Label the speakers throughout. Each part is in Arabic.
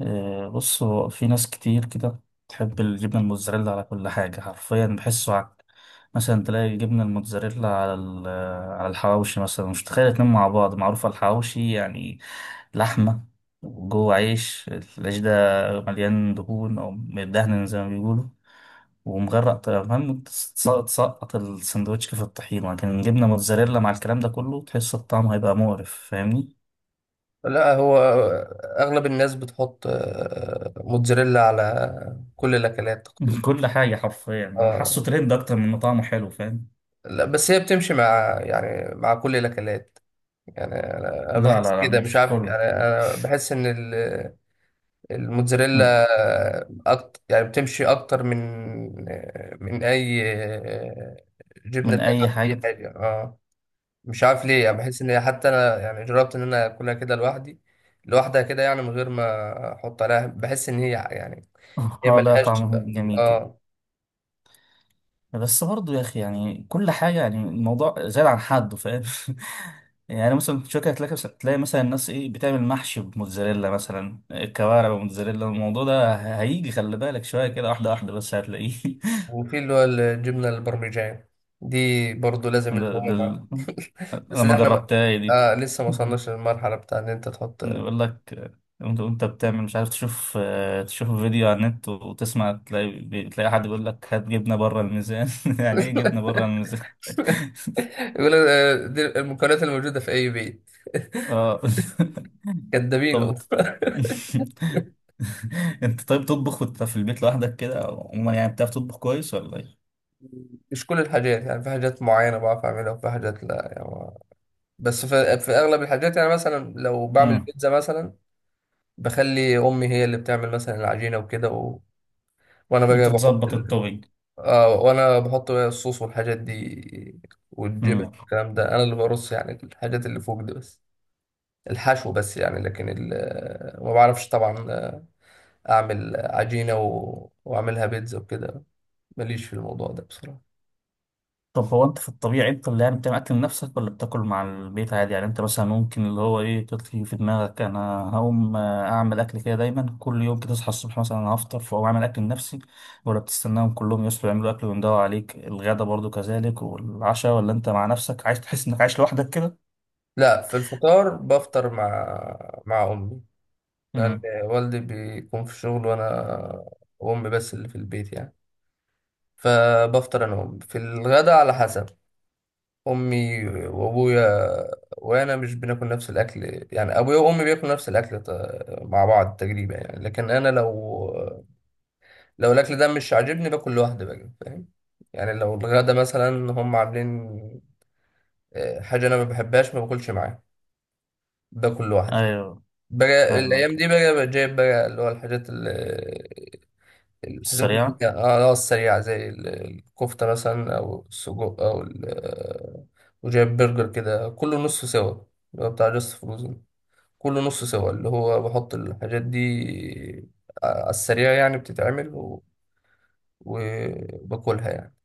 Speaker 1: بص هو في ناس كتير كده تحب الجبنة الموتزاريلا على كل حاجة حرفيا بحسه عك. مثلا تلاقي الجبنة الموتزاريلا على على الحواوشي مثلا، مش تخيل اتنين مع بعض معروف على الحواوشي يعني، لحمة وجوه عيش، العيش ده مليان دهون أو مدهن زي ما بيقولوا ومغرق طبعا. المهم تسقط السندوتش في الطحين، لكن جبنة موتزاريلا مع الكلام ده كله تحس الطعم هيبقى مقرف، فاهمني؟
Speaker 2: لا، هو اغلب الناس بتحط موتزاريلا على كل الاكلات تقريبا.
Speaker 1: كل حاجة حرفيا،
Speaker 2: اه،
Speaker 1: حاسه ترند أكتر من إنه طعمه حلو، فاهم؟
Speaker 2: لا، بس هي بتمشي مع كل الاكلات. يعني انا
Speaker 1: لا
Speaker 2: بحس
Speaker 1: لا لا
Speaker 2: كده، مش
Speaker 1: مش
Speaker 2: عارف.
Speaker 1: كله.
Speaker 2: يعني انا بحس ان ال-
Speaker 1: مم.
Speaker 2: الموتزاريلا أكتر، يعني بتمشي اكتر من اي جبنه
Speaker 1: من
Speaker 2: تانية
Speaker 1: أي
Speaker 2: على اي
Speaker 1: حاجة.
Speaker 2: حاجه، اه. مش عارف ليه، يعني بحس ان هي، حتى انا يعني جربت ان انا اكلها كده لوحدي، لوحدها كده، يعني من غير ما احط عليها، بحس ان هي
Speaker 1: اه، لا
Speaker 2: ملهاش.
Speaker 1: طعمه جميل كده،
Speaker 2: اه.
Speaker 1: بس برضه يا أخي يعني كل حاجة، يعني الموضوع زاد عن حده، فاهم؟ يعني مثلا في شوكة، تلاقي مثلا الناس إيه بتعمل محشي بموتزاريلا، مثلا الكوارع بموتزاريلا، الموضوع ده هيجي خلي بالك شوية كده، واحدة واحدة بس هتلاقيه.
Speaker 2: وفي اللي هو الجبنه البرمجان دي، برضو لازم
Speaker 1: ده ده
Speaker 2: اللحوم معاها.
Speaker 1: ال-
Speaker 2: بس
Speaker 1: أنا
Speaker 2: دي
Speaker 1: ما
Speaker 2: احنا ما...
Speaker 1: جربتها دي.
Speaker 2: لسه ما وصلناش للمرحله بتاع ان انت تحط.
Speaker 1: يقول لك انت وانت بتعمل، مش عارف تشوف، تشوف فيديو على النت وتسمع، تلاقي تلاقي حد بيقول لك هات جبنه بره الميزان. يعني ايه جبنه بره الميزان؟
Speaker 2: يقول لك دي المكونات الموجوده في اي بيت.
Speaker 1: اه.
Speaker 2: كدابين
Speaker 1: طب
Speaker 2: والله.
Speaker 1: انت انت طيب تطبخ وانت في البيت لوحدك كده، او يعني بتعرف تطبخ كويس ولا ايه؟
Speaker 2: مش كل الحاجات، يعني في حاجات معينه بعرف اعملها وفي حاجات لا، يعني. بس في اغلب الحاجات، يعني مثلا لو بعمل
Speaker 1: مم.
Speaker 2: بيتزا مثلا، بخلي امي هي اللي بتعمل مثلا العجينه وكده، و... وانا بقى
Speaker 1: انت
Speaker 2: بحط
Speaker 1: تظبط
Speaker 2: ال...
Speaker 1: التوبينج.
Speaker 2: وانا بحط بقى الصوص والحاجات دي والجبن. الكلام ده انا اللي برص، يعني الحاجات اللي فوق دي بس، الحشو بس يعني. لكن ال... ما بعرفش طبعا، اعمل عجينه واعملها بيتزا وكده. ماليش في الموضوع ده بصراحه.
Speaker 1: طب هو انت في الطبيعي انت اللي يعني بتعمل اكل لنفسك، ولا بتاكل مع البيت عادي؟ يعني انت مثلا ممكن اللي هو ايه تطفي في دماغك انا هقوم اعمل اكل، كده دايما كل يوم كده تصحى الصبح مثلا انا هفطر فاقوم اعمل اكل لنفسي، ولا بتستناهم كلهم يصحوا يعملوا اكل ويندوا عليك الغدا برضو كذلك والعشاء، ولا انت مع نفسك عايز تحس انك عايش لوحدك كده؟
Speaker 2: لا، في الفطار بفطر مع امي، لان
Speaker 1: امم.
Speaker 2: والدي بيكون في الشغل، وانا وامي بس اللي في البيت يعني. فبفطر انا وامي. في الغدا على حسب امي وابويا، وانا مش بناكل نفس الاكل. يعني ابويا وامي بياكلوا نفس الاكل، مع بعض تقريبا يعني. لكن انا لو الاكل ده مش عاجبني، باكل لوحدي بقى، فاهم. يعني لو الغدا مثلا هم عاملين حاجه انا ما بحبهاش، ما باكلش معاهم، باكل لوحدي.
Speaker 1: ايوه.
Speaker 2: بقى
Speaker 1: فاهمك.
Speaker 2: الايام دي، بقى جايب بقى اللي هو الحاجات اللي
Speaker 1: السريعة.
Speaker 2: هي السريعة، زي الكفتة مثلا، أو السجق أو وجايب برجر كده، كله نص سوا، اللي هو بتاع جاست فروزن، كله نص سوا. اللي هو بحط الحاجات دي على السريع، يعني بتتعمل وباكلها يعني.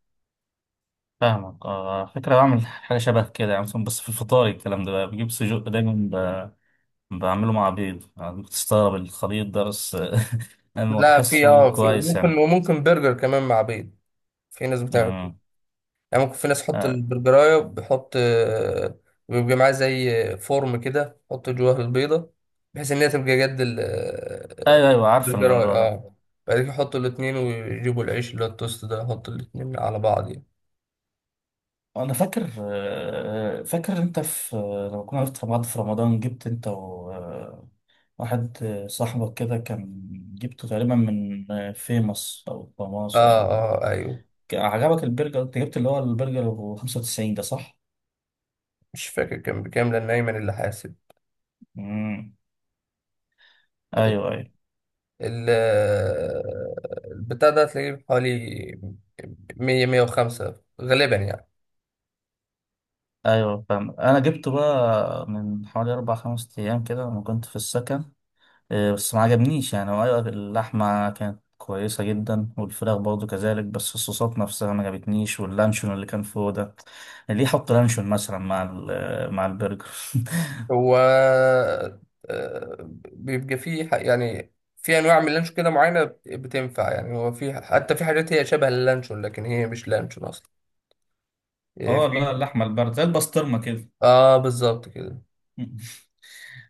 Speaker 1: فاهمك، اه فكرة، بعمل حاجة شبه كده يعني مثلا، بس في الفطار الكلام ده بقى بجيب سجق دايما، بعمله مع بيض، يعني ممكن تستغرب الخليط ده بس انا
Speaker 2: لا، في
Speaker 1: بحسه
Speaker 2: اه في
Speaker 1: كويس
Speaker 2: وممكن
Speaker 1: يعني.
Speaker 2: وممكن برجر كمان مع بيض. في ناس بتعمل كده.
Speaker 1: امم.
Speaker 2: يعني ممكن في ناس تحط
Speaker 1: آه،
Speaker 2: البرجراية، بيحط بيبقى معاه زي فورم كده، يحط جواه البيضة بحيث إن هي تبقى جد
Speaker 1: ايوه ايوه، عارف
Speaker 2: البرجراية،
Speaker 1: الموضوع ده.
Speaker 2: اه. بعد كده يحطوا الاتنين ويجيبوا العيش اللي هو التوست ده، يحطوا الاتنين على بعض يعني.
Speaker 1: انا فاكر، فاكر انت في، لما كنا عرفت بعض في رمضان، جبت انت وواحد صاحبك كده كان، جبته تقريبا من فيموس او
Speaker 2: اه،
Speaker 1: فاماس ولا
Speaker 2: اه، آه، أيوه.
Speaker 1: إيه. عجبك البرجر، انت جبت اللي هو البرجر ب 95 ده، صح؟
Speaker 2: مش فاكر كان بكام، لأن أيمن اللي حاسب.
Speaker 1: امم. ايوه ايوه.
Speaker 2: ال- آه، البتاع ده هتلاقيه حوالي 100، 105 غالبا يعني.
Speaker 1: ايوه فاهم. انا جبته بقى من حوالي اربع خمس ايام كده لما كنت في السكن، إيه، بس ما عجبنيش يعني. هو ايوه اللحمه كانت كويسه جدا والفراخ برضه كذلك، بس الصوصات نفسها ما عجبتنيش، واللانشون اللي كان فوق ده، ليه يحط لانشون مثلا مع مع البرجر؟
Speaker 2: هو بيبقى فيه يعني في انواع من اللانشون كده معينه بتنفع يعني. هو في، حتى في حاجات هي شبه اللانشون لكن هي مش لانشون اصلا. إيه،
Speaker 1: اه،
Speaker 2: في
Speaker 1: لا اللحمه البارده زي البسطرمه كده.
Speaker 2: اه بالظبط كده.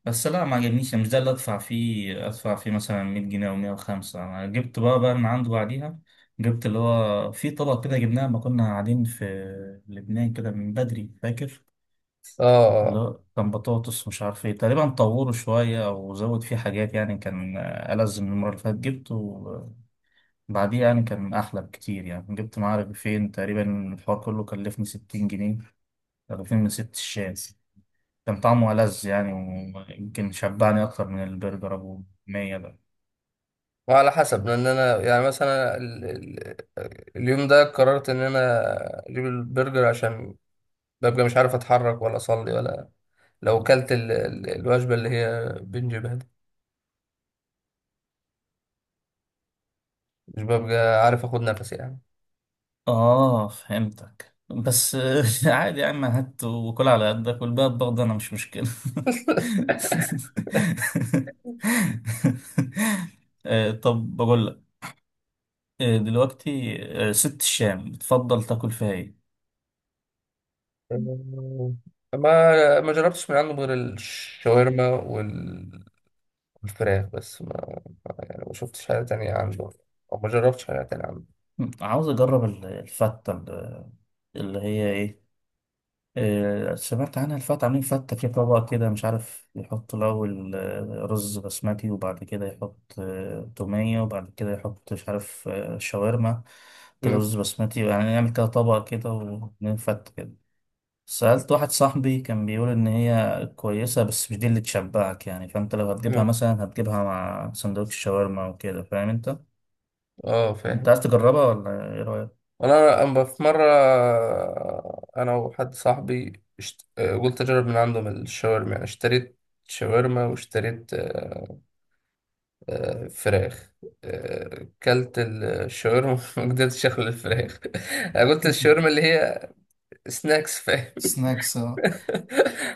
Speaker 1: بس لا ما عجبنيش يعني، مش ده اللي ادفع فيه، ادفع فيه مثلا 100 جنيه او 105. انا جبت بقى من عنده بعديها، جبت اللي هو في طبق كده جبناه لما كنا قاعدين في لبنان كده من بدري، فاكر؟
Speaker 2: اه، اه،
Speaker 1: اللي
Speaker 2: آه.
Speaker 1: هو كان بطاطس مش عارف ايه، تقريبا طوره شوية او زود فيه حاجات يعني، كان ألذ من المرة اللي فاتت جبته بعديه، يعني كان احلى بكتير يعني. جبت معاه رغيفين تقريبا، الحوار كله كلفني 60 جنيه، رغيفين من ست الشاي. كان طعمه ألذ يعني، ويمكن شبعني أكتر من البرجر أبو مية ده.
Speaker 2: وعلى حسب، لان انا يعني مثلا ال... ال... اليوم ده قررت ان انا اجيب البرجر، عشان ببقى مش عارف اتحرك ولا اصلي ولا. لو كلت الوجبه اللي هي بنجيبها دي، مش ببقى عارف اخد نفسي يعني.
Speaker 1: اه فهمتك، بس عادي يا عم، هات وكل على قدك والباقي برضه انا مش مشكلة. طب بقول لك، دلوقتي ست الشام بتفضل تاكل فيها ايه؟
Speaker 2: أمم، ما جربتش من عنده غير الشاورما والفراخ بس. ما- يعني ما شفتش حاجة تانية عنده، أو ما جربتش حاجة تانية عنده.
Speaker 1: عاوز اجرب الفتة اللي هي ايه، سمعت عنها الفتة، عاملين فتة في طبق كده، مش عارف يحط الأول رز بسمتي، وبعد كده يحط تومية، وبعد كده يحط مش عارف شاورما كده،
Speaker 2: أمم.
Speaker 1: رز بسمتي يعني، نعمل كده طبق كده ونعمل فتة كده. سألت واحد صاحبي كان بيقول إن هي كويسة، بس مش دي اللي تشبعك يعني، فأنت لو هتجيبها
Speaker 2: أمم.
Speaker 1: مثلا هتجيبها مع سندوتش شاورما وكده، فاهم أنت؟
Speaker 2: اه،
Speaker 1: أنت
Speaker 2: فاهم.
Speaker 1: عايز تجربها ولا إيه رأيك؟
Speaker 2: وأنا، أما في مرة، أنا وحد صاحبي اشت... آه، قلت أجرب من عندهم الشاورما، يعني اشتريت شاورما واشتريت فراخ. كلت الشاورما، ما قدرتش أخلي الفراخ. أنا قلت الشاورما اللي هي سناكس.
Speaker 1: سناكس.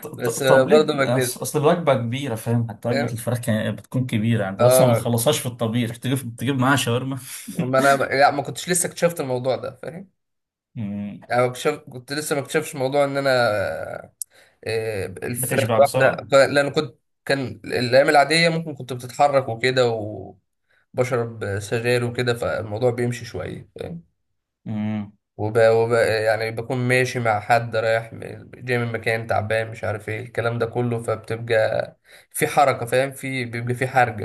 Speaker 2: بس
Speaker 1: طب ليه
Speaker 2: برضه ما قدرت.
Speaker 1: اصل الوجبه كبيره، فاهم؟ حتى وجبه
Speaker 2: فاهم،
Speaker 1: الفراخ بتكون كبيره يعني، بس ما
Speaker 2: اه.
Speaker 1: بتخلصهاش في الطبيخ تجيب تجيب معاها شاورما.
Speaker 2: ما انا لا، ما كنتش لسه اكتشفت الموضوع ده، فاهم.
Speaker 1: مم.
Speaker 2: يعني ما اكتشف... كنت لسه ما اكتشفش موضوع ان انا الفراخ
Speaker 1: بتشبع
Speaker 2: الواحده،
Speaker 1: بسرعه.
Speaker 2: لان كنت، كان الايام العاديه ممكن كنت بتتحرك وكده، وبشرب سجاير وكده، فالموضوع بيمشي شويه فاهم.
Speaker 1: مم.
Speaker 2: يعني بكون ماشي مع حد، رايح جاي من مكان تعبان، مش عارف ايه، الكلام ده كله، فبتبقى في حركه فاهم، في، بيبقى في حرج.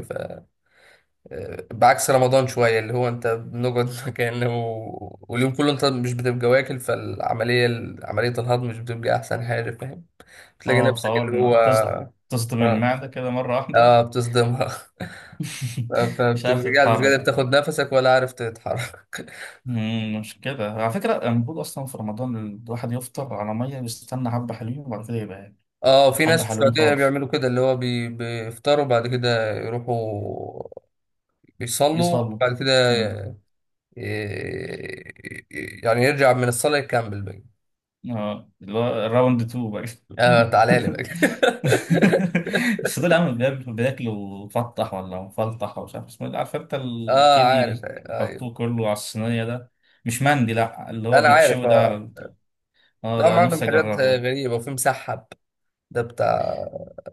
Speaker 2: بعكس رمضان شوية، اللي هو انت بنقعد مكانه، واليوم كله انت مش بتبقى واكل، فالعملية، عملية الهضم مش بتبقى أحسن حاجة، فاهم. بتلاقي
Speaker 1: اه
Speaker 2: نفسك
Speaker 1: فاول
Speaker 2: اللي
Speaker 1: ما
Speaker 2: هو،
Speaker 1: تصدم
Speaker 2: اه،
Speaker 1: المعده كده مره واحده.
Speaker 2: آه، بتصدمها.
Speaker 1: مش عارف
Speaker 2: فبتبقى قاعد مش قادر
Speaker 1: تتحرك.
Speaker 2: تاخد نفسك، ولا عارف تتحرك.
Speaker 1: مم، مش كده على فكره، المفروض اصلا في رمضان الواحد يفطر على ميه، يستنى حبه حلوين وبعد كده يبقى ياكل.
Speaker 2: اه، في ناس
Speaker 1: حبه
Speaker 2: في
Speaker 1: حلوين
Speaker 2: السعودية
Speaker 1: خالص.
Speaker 2: بيعملوا كده، اللي هو بيفطروا، بعد كده يروحوا بيصلوا،
Speaker 1: يصلوا.
Speaker 2: بعد كده
Speaker 1: مم.
Speaker 2: ي... يعني يرجع من الصلاة يكمل بقى.
Speaker 1: اه اللي هو راوند 2 بقى.
Speaker 2: اه، تعالى لي بقى.
Speaker 1: بس طول عامل بياكلوا مفطح ولا مفلطح ومش عارف اسمه ايه، عارف انت
Speaker 2: اه،
Speaker 1: الكيدي
Speaker 2: عارف،
Speaker 1: اللي
Speaker 2: آه.
Speaker 1: يحطوه كله على الصينية ده؟ مش مندي، لا اللي هو
Speaker 2: انا هو عارف،
Speaker 1: بيتشوي ده
Speaker 2: اه.
Speaker 1: على اه
Speaker 2: لا، هم
Speaker 1: ده
Speaker 2: عندهم
Speaker 1: نفسي
Speaker 2: حاجات
Speaker 1: اجربه ده،
Speaker 2: غريبه، وفي مسحب. ده بتاع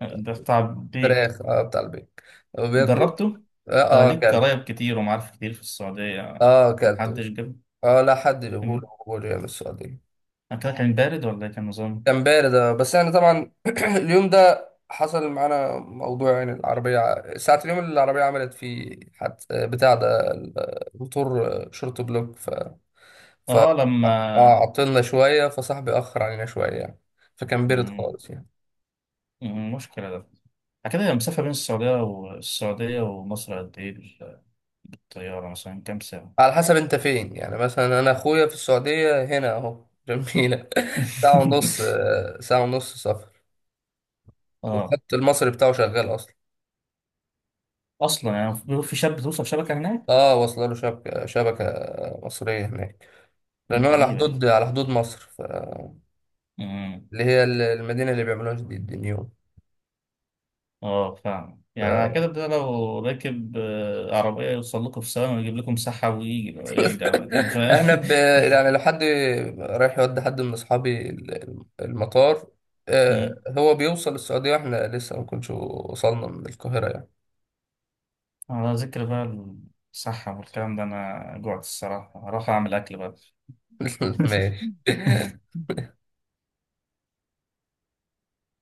Speaker 1: ده بتاع بيك.
Speaker 2: فراخ، اه، بتاع البيك، وبياكلوا.
Speaker 1: جربته؟
Speaker 2: اه،
Speaker 1: ده
Speaker 2: اه،
Speaker 1: ليك
Speaker 2: كلب.
Speaker 1: قرايب كتير ومعارف كتير في السعودية،
Speaker 2: اه، كلته.
Speaker 1: محدش جاب؟
Speaker 2: اه، لا، حد يقول
Speaker 1: مم.
Speaker 2: يقول يا السعوديه.
Speaker 1: أكلها كان بارد ولا إيه كان نظام؟
Speaker 2: كان بارد، بس يعني طبعا، اليوم ده حصل معانا موضوع، يعني العربيه ساعه اليوم اللي العربيه عملت فيه، حد بتاع ده، الموتور، شورت بلوك، ف-
Speaker 1: اه لما.
Speaker 2: اه عطلنا شويه، فصاحبي اخر علينا شويه يعني، فكان بارد
Speaker 1: مم.
Speaker 2: خالص يعني.
Speaker 1: مم، مشكلة ده. كده المسافة بين السعودية والسعودية ومصر قد ايه بالطيارة مثلا، كام ساعة؟
Speaker 2: على حسب انت فين، يعني مثلا انا اخويا في السعودية هنا اهو، جميلة، ساعة ونص آه، ساعة ونص سفر.
Speaker 1: اه
Speaker 2: والخط المصري بتاعه شغال اصلا.
Speaker 1: اصلا يعني في شاب توصل شبكه هناك.
Speaker 2: اه، واصله له شبكة مصرية هناك، لان هو على
Speaker 1: غريبه دي.
Speaker 2: حدود مصر،
Speaker 1: امم.
Speaker 2: اللي هي المدينة اللي بيعملوها جديد، النيوم.
Speaker 1: اه فاهم، يعني على
Speaker 2: ف-
Speaker 1: كده ده لو راكب عربيه يوصل لكم في ثواني ويجيب لكم سحب ويجي يرجع بقى تاني، فاهم؟
Speaker 2: احنا يعني لو حد رايح يودي حد من اصحابي المطار،
Speaker 1: أمم.
Speaker 2: هو بيوصل السعودية واحنا لسه ما كناش وصلنا من القاهرة يعني.
Speaker 1: على ذكر بقى الصحه والكلام ده، انا جوعت الصراحه، هروح اعمل اكل بقى.
Speaker 2: ماشي.